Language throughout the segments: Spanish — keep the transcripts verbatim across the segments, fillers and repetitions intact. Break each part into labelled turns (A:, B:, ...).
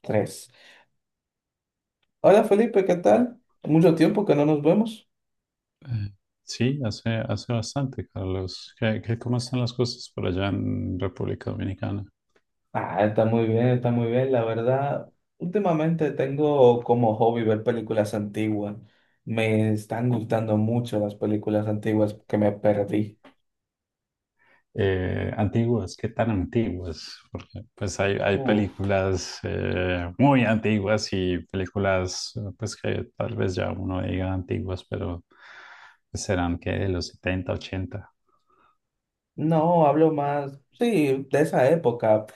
A: Tres. Hola Felipe, ¿qué tal? Mucho tiempo que no nos vemos.
B: Eh, Sí, hace, hace bastante, Carlos. ¿Qué, qué- Cómo están las cosas por allá en República Dominicana?
A: Ah, está muy bien, está muy bien. La verdad, últimamente tengo como hobby ver películas antiguas. Me están gustando mucho las películas antiguas que me perdí.
B: Eh, antiguas, ¿qué tan antiguas? Porque pues hay, hay
A: Uf,
B: películas eh, muy antiguas y películas eh, pues que tal vez ya uno diga antiguas, pero pues, serán que de los setenta ochenta.
A: no, hablo más, sí, de esa época.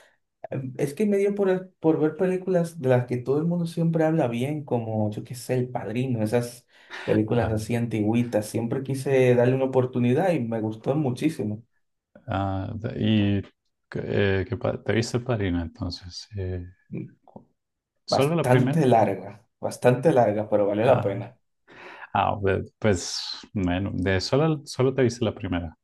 A: Em, Es que me dio por, por ver películas de las que todo el mundo siempre habla bien, como yo qué sé, El Padrino, esas películas
B: Ah,
A: así antigüitas. Siempre quise darle una oportunidad y me gustó muchísimo.
B: ah, de- y eh, ¿qué pa- ¿te viste el Padrino entonces? Eh, ¿Solo la primera?
A: Bastante larga, bastante larga, pero valió la
B: Ah,
A: pena.
B: ah, be- pues, bueno, de solo, solo te viste la primera.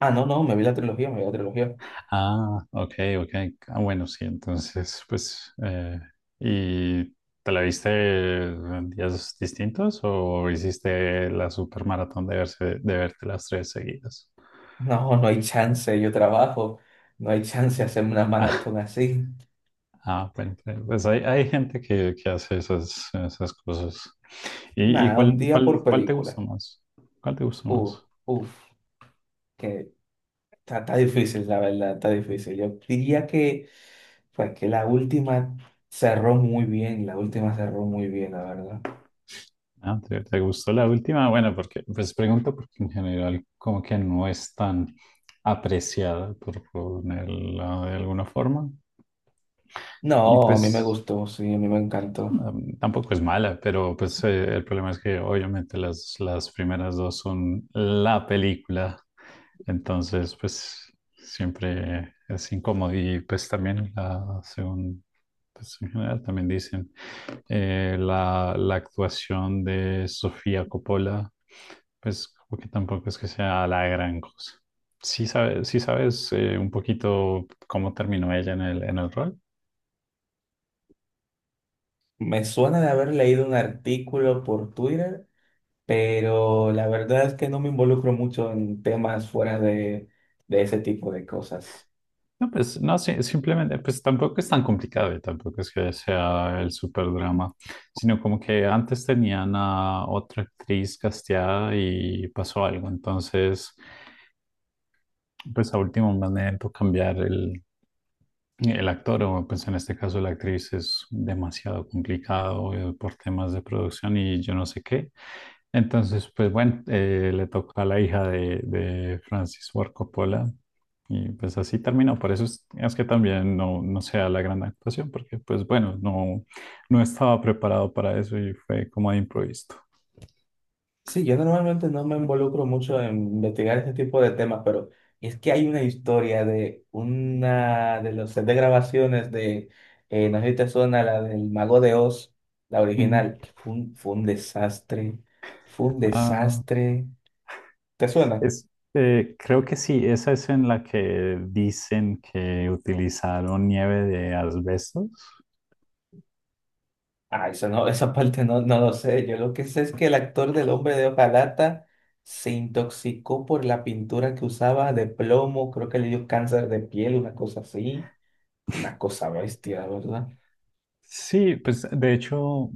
A: Ah, no, no, me vi la trilogía, me vi la trilogía.
B: Ah, ok, ok. Ah, bueno, sí, entonces, pues, eh, ¿y te la viste en días distintos o hiciste la supermaratón de verse, de verte las tres seguidas?
A: No, no hay chance, yo trabajo, no hay chance de hacerme una maratón así.
B: Ah, ah, bueno, pues hay, hay gente que, que hace esas, esas cosas. ¿Y, y
A: Nada, un
B: cuál,
A: día
B: cuál,
A: por
B: cuál te gustó
A: película.
B: más? ¿Cuál te gustó
A: Uf,
B: más?
A: uf, que está, está difícil, la verdad, está difícil. Yo diría que, pues, que la última cerró muy bien, la última cerró muy bien, la verdad.
B: Ah, ¿te, te gustó la última? Bueno, porque, pues pregunto porque en general como que no es tan apreciada, por ponerla de alguna forma. Y
A: No, a mí me
B: pues
A: gustó, sí, a mí me encantó.
B: um, tampoco es mala, pero pues eh, el problema es que obviamente las, las primeras dos son la película. Entonces, pues siempre es incómodo. Y pues también la segunda pues en general también dicen eh, la, la actuación de Sofía Coppola, pues como que tampoco es que sea la gran cosa. Sí sabes, sí sabes eh, un poquito cómo terminó ella en el, en el rol.
A: Me suena de haber leído un artículo por Twitter pero la verdad es que no me involucro mucho en temas fuera de, de ese tipo de cosas.
B: No, pues no, sí, simplemente, pues tampoco es tan complicado y tampoco es que sea el super drama, sino como que antes tenían a otra actriz casteada y pasó algo, entonces pues a último momento cambiar el, El actor, o pues en este caso la actriz, es demasiado complicado eh, por temas de producción y yo no sé qué. Entonces, pues bueno, eh, le tocó a la hija de, de Francis Ford Coppola y pues así terminó. Por eso es, es que también no, no sea la gran actuación, porque pues bueno, no, no estaba preparado para eso y fue como de improviso.
A: Sí, yo normalmente no me involucro mucho en investigar ese tipo de temas, pero es que hay una historia de una de los set de grabaciones de, eh, no sé si te suena, la del Mago de Oz, la
B: Mm.
A: original, que fue un, fue un desastre, fue un
B: Ah,
A: desastre. ¿Te suena?
B: es, eh, Creo que sí, esa es en la que dicen que utilizaron nieve de asbestos.
A: Ah, eso no, esa parte no, no lo sé. Yo lo que sé es que el actor del Hombre de Hoja Lata se intoxicó por la pintura que usaba de plomo. Creo que le dio cáncer de piel, una cosa así. Una cosa bestia, la verdad.
B: Sí, pues de hecho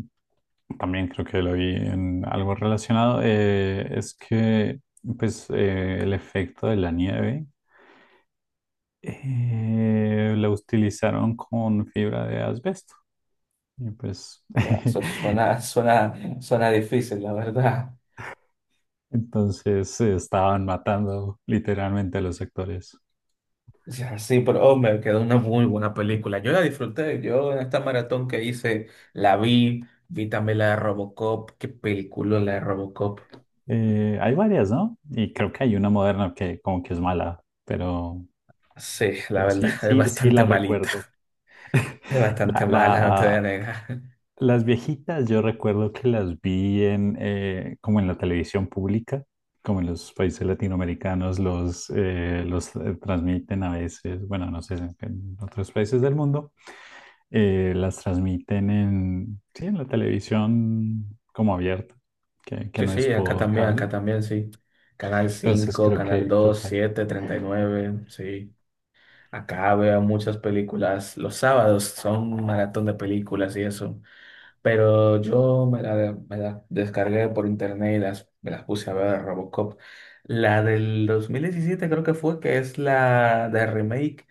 B: también creo que lo vi en algo relacionado, eh, es que pues eh, el efecto de la nieve eh, la utilizaron con fibra de asbesto y pues
A: Bueno, eso suena, suena, suena difícil, la verdad.
B: entonces eh, estaban matando literalmente a los actores.
A: Ya, sí, pero hombre, quedó una muy buena película. Yo la disfruté. Yo en esta maratón que hice la vi. Vi también la de Robocop. Qué película la de Robocop.
B: Eh, hay varias, ¿no? Y creo que hay una moderna que como que es mala, pero,
A: Sí, la
B: pero
A: verdad,
B: sí,
A: es
B: sí, sí
A: bastante
B: la
A: malita.
B: recuerdo.
A: Es
B: La,
A: bastante mala, no te voy a
B: la-
A: negar.
B: Las viejitas, yo recuerdo que las vi en, eh, como en la televisión pública, como en los países latinoamericanos los, eh, los eh, transmiten a veces, bueno, no sé, en en otros países del mundo, eh, las transmiten en, sí, en la televisión como abierta, que, que
A: Sí,
B: no es
A: sí, acá
B: por
A: también, acá
B: cable.
A: también, sí. Canal
B: Entonces
A: cinco
B: creo
A: Canal
B: que, creo
A: dos
B: que
A: siete, treinta y nueve, sí. Acá veo muchas películas. Los sábados son un maratón de películas y eso. Pero yo me la, me la descargué por internet y las, me las puse a ver Robocop. La del dos mil diecisiete creo que fue, que es la de remake.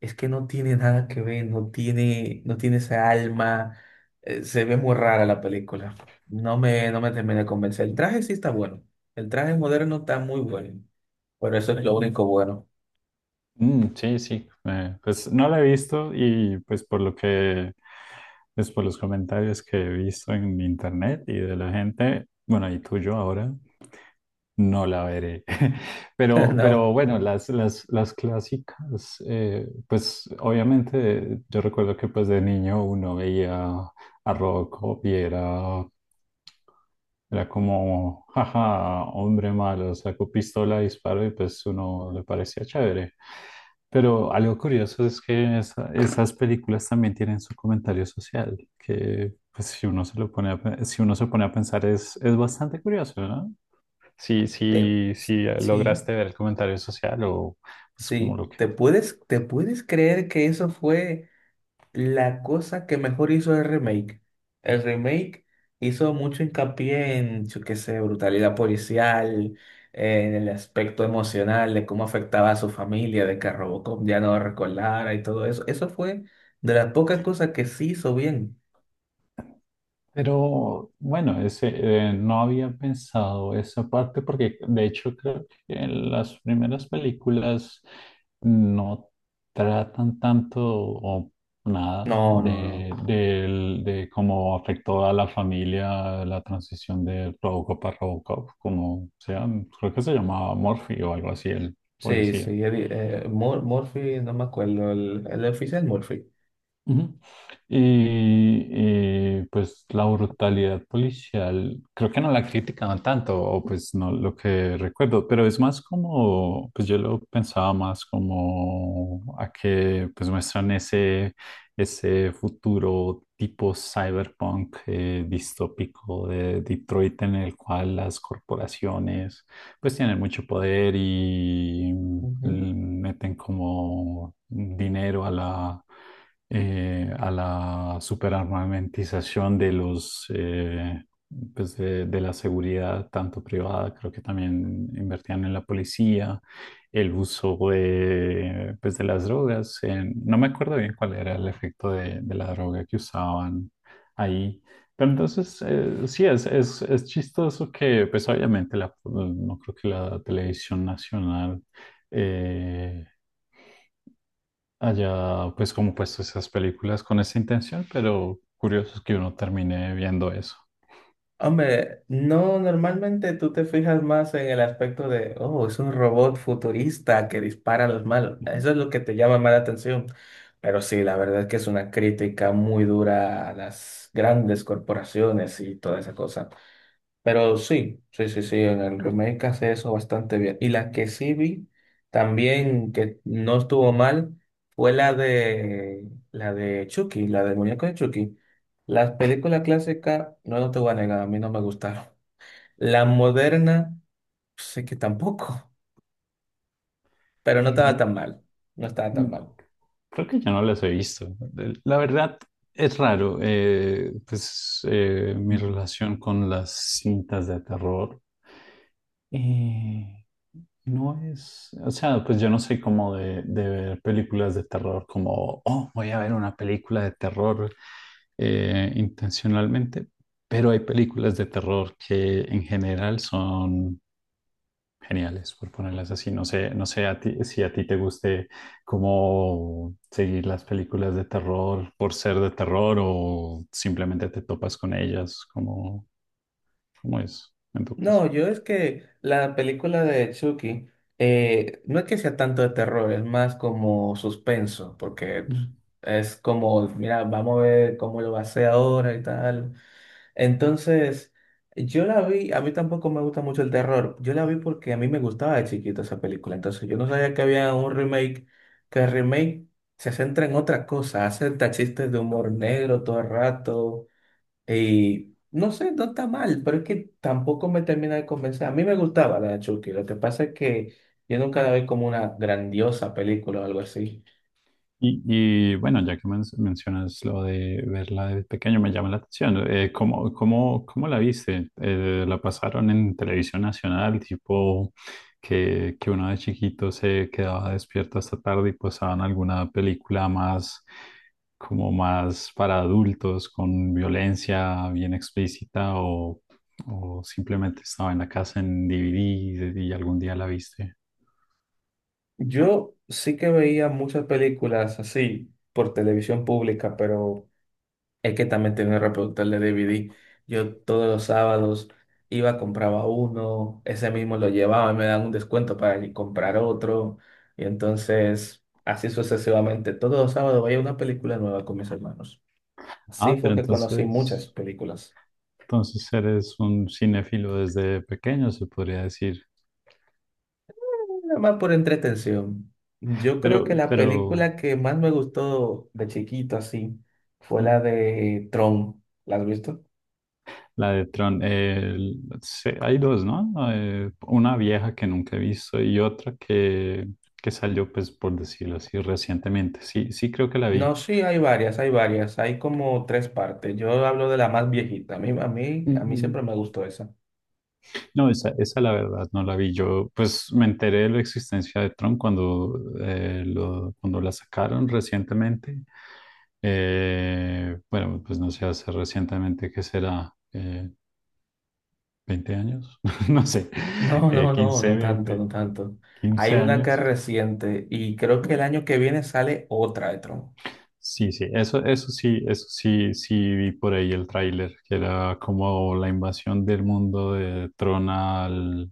A: Es que no tiene nada que ver, no tiene, no tiene esa alma. Eh, se ve muy rara la película. No me, no me terminé de convencer. El traje sí está bueno. El traje moderno está muy bueno. Pero eso es lo único bueno.
B: mm, sí, sí. eh, Pues no la he visto y pues por lo que, pues por los comentarios que he visto en internet y de la gente, bueno, y tuyo ahora, no la veré. Pero,
A: No,
B: pero bueno, las, las, las clásicas, eh, pues obviamente yo recuerdo que pues de niño uno veía a Rocco y era era como, jaja, hombre malo, sacó pistola, disparó y pues uno le parecía chévere. Pero algo curioso es que esa- esas películas también tienen su comentario social, que pues si uno se lo pone a, pe- si uno se pone a pensar es, es bastante curioso, ¿no? Si,
A: te,
B: si, si
A: sí,
B: lograste ver el comentario social o pues como
A: sí.
B: lo que.
A: ¿Te puedes, te puedes creer que eso fue? La cosa que mejor hizo el remake. El remake hizo mucho hincapié en, yo qué sé, brutalidad policial, eh, en el aspecto emocional de cómo afectaba a su familia, de que Robocop ya no recordara y todo eso. Eso fue de las pocas cosas que sí hizo bien.
B: Pero bueno, ese, eh, no había pensado esa parte porque de hecho creo que en las primeras películas no tratan tanto o nada
A: No, no, no.
B: de, del- de cómo afectó a la familia la transición de Robocop a Robocop, como sea, creo que se llamaba Murphy o algo así el
A: Sí,
B: policía.
A: sí. Eddie- eh, Mur- Murphy, no me acuerdo, el, el oficial Murphy.
B: Ujú. Y eh, pues la brutalidad policial, creo que no la criticaban tanto, o pues no lo que recuerdo, pero es más como, pues yo lo pensaba más como a que pues muestran ese, ese futuro tipo cyberpunk eh, distópico de Detroit en el cual las corporaciones pues tienen mucho poder y mm,
A: Ujú.
B: meten como dinero a la, eh, a la superarmamentización de los, eh, pues de, de la seguridad, tanto privada, creo que también invertían en la policía, el uso de, pues de las drogas, en- no me acuerdo bien cuál era el efecto de, de la droga que usaban ahí, pero entonces, eh, sí, es, es, es chistoso que, pues obviamente, la- no creo que la televisión nacional eh, haya, pues, como puesto esas películas con esa intención, pero curioso es que uno termine viendo eso.
A: Hombre, no, normalmente tú te fijas más en el aspecto de, oh, es un robot futurista que dispara a los malos. Eso es lo que te llama más la atención. Pero sí, la verdad es que es una crítica muy dura a las grandes corporaciones y toda esa cosa. Pero sí, sí, sí, sí, en el remake hace eso bastante bien. Y la que sí vi también que no estuvo mal fue la de la de Chucky, la del muñeco de Chucky. Las películas clásicas, no, no te voy a negar, a mí no me gustaron. La moderna, sé que tampoco, pero no estaba
B: Eh,
A: tan mal, no estaba
B: mm,
A: tan mal.
B: Creo que yo no las he visto. De- La verdad es raro. Eh, pues eh, mi relación con las cintas de terror eh, no es. O sea, pues yo no soy como de, de ver películas de terror, como, oh, voy a ver una película de terror eh, intencionalmente. Pero hay películas de terror que en general son. Geniales, por ponerlas así. No sé, no sé a ti, si a ti te guste cómo seguir las películas de terror por ser de terror o simplemente te topas con ellas, como, cómo es en tu caso.
A: No, yo es que la película de Chucky eh, no es que sea tanto de terror, es más como suspenso, porque
B: Mm.
A: es como, mira, vamos a ver cómo lo va a hacer ahora y tal. Entonces, yo la vi, a mí tampoco me gusta mucho el terror, yo la vi porque a mí me gustaba de chiquito esa película, entonces yo no sabía que había un remake, que el remake se centra en otra cosa, hace hasta chistes de humor negro todo el rato y no sé, no está mal, pero es que tampoco me termina de convencer. A mí me gustaba la de Chucky, lo que pasa es que yo nunca la vi como una grandiosa película o algo así.
B: Y, y, bueno, ya que men- mencionas lo de verla de pequeño, me llama la atención. Eh, ¿cómo, cómo, cómo la viste? Eh, ¿la pasaron en televisión nacional, tipo que, que uno de chiquito se quedaba despierto hasta tarde y pasaban alguna película más, como más para adultos, con violencia bien explícita, o, o simplemente estaba en la casa en D V D y algún día la viste?
A: Yo sí que veía muchas películas así por televisión pública, pero es que también tenía un reproductor de D V D. Yo todos los sábados iba, compraba uno, ese mismo lo llevaba y me daban un descuento para ir comprar otro. Y entonces, así sucesivamente, todos los sábados veía una película nueva con mis hermanos.
B: Ah,
A: Así
B: pero
A: fue que conocí muchas
B: entonces...
A: películas,
B: Entonces eres un cinéfilo desde pequeño, se podría decir.
A: nada más por entretención. Yo creo
B: Pero,
A: que la
B: pero
A: película que más me gustó de chiquito así fue la
B: mm,
A: de Tron. ¿La has visto?
B: la de Tron, eh, l- se- hay dos, ¿no? Eh, una vieja que nunca he visto y otra que, que salió, pues, por decirlo así, recientemente. Sí, sí creo que la
A: No,
B: vi.
A: sí, hay varias, hay varias, hay como tres partes. Yo hablo de la más viejita. A mí, a mí, a mí siempre me gustó esa.
B: No, esa, esa la verdad no la vi. Yo pues me enteré de la existencia de Tron cuando, eh, lo- cuando la sacaron recientemente. Eh, bueno, pues no sé, hace recientemente, ¿qué será? Eh, ¿veinte años? No sé,
A: No,
B: eh,
A: no, no,
B: quince,
A: no tanto,
B: veinte,
A: no tanto. Hay
B: quince
A: una que es
B: años.
A: reciente y creo que el año que viene sale otra de Tron.
B: Sí, sí, eso, eso sí, eso sí, sí vi por ahí el tráiler, que era como la invasión del mundo de Tron al,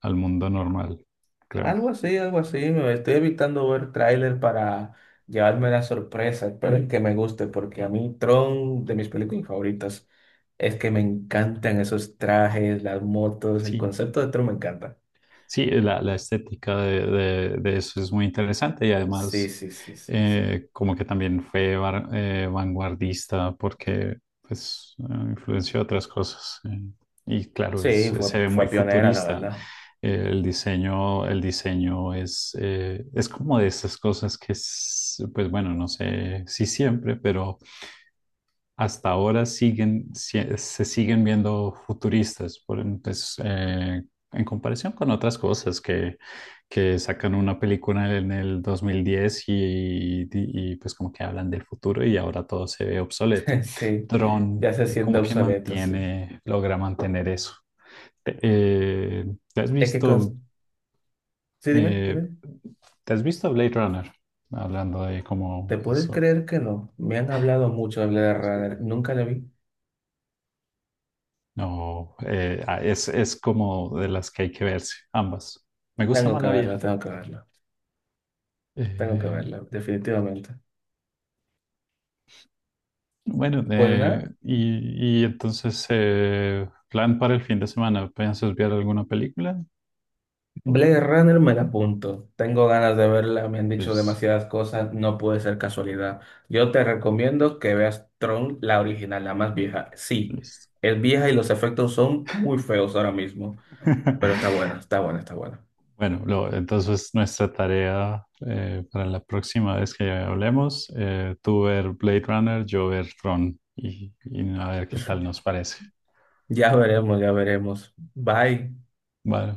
B: al mundo normal, creo.
A: Algo así, algo así. Me estoy evitando ver tráiler para llevarme la sorpresa. Espero que me guste, porque a mí Tron, de mis películas favoritas, es que me encantan esos trajes, las motos, el
B: Sí.
A: concepto de Tron me encanta.
B: Sí, la, la estética de, de- de eso es muy interesante y
A: Sí,
B: además
A: sí, sí, sí, sí.
B: eh, como que también fue var- eh, vanguardista porque pues eh, influenció otras cosas eh, y claro,
A: Sí,
B: es-
A: fue,
B: se ve
A: fue
B: muy
A: pionera, la
B: futurista.
A: verdad.
B: Eh, el diseño, el diseño es, eh, es como de esas cosas que es, pues bueno, no sé si siempre, pero hasta ahora siguen, sie- se siguen viendo futuristas por, pues, eh, en comparación con otras cosas que, que sacan una película en el dos mil diez y, y, y, pues como que hablan del futuro y ahora todo se ve obsoleto.
A: Sí, ya
B: Tron,
A: se
B: eh,
A: siente
B: como que
A: obsoleto, sí.
B: mantiene, logra mantener eso. Te- eh, ¿te has
A: Es que con...
B: visto,
A: Sí, dime,
B: eh,
A: dime.
B: ¿Te has visto Blade Runner? Hablando de
A: ¿Te
B: cómo
A: puedes
B: eso es
A: creer que no? Me han hablado mucho de Blade Runner.
B: posible.
A: Nunca la vi.
B: No, eh, ah, es, es como de las que hay que verse, ambas. Me gusta
A: Tengo
B: más
A: que
B: la
A: verla,
B: vieja.
A: tengo que verla. Tengo que
B: Eh,
A: verla, definitivamente.
B: bueno,
A: Pues
B: eh,
A: nada,
B: y, y entonces, eh, plan para el fin de semana, ¿piensas ver alguna película?
A: Blade Runner me la apunto. Tengo ganas de verla, me han dicho
B: Listo,
A: demasiadas cosas, no puede ser casualidad. Yo te recomiendo que veas Tron, la original, la más vieja. Sí,
B: listo.
A: es vieja y los efectos son muy feos ahora mismo, pero está buena, está buena, está buena.
B: Bueno, lo- entonces nuestra tarea eh, para la próxima vez que hablemos, eh, tú ver Blade Runner, yo ver Tron y, y a ver qué tal nos parece.
A: Ya veremos, ya veremos. Bye.
B: Vale.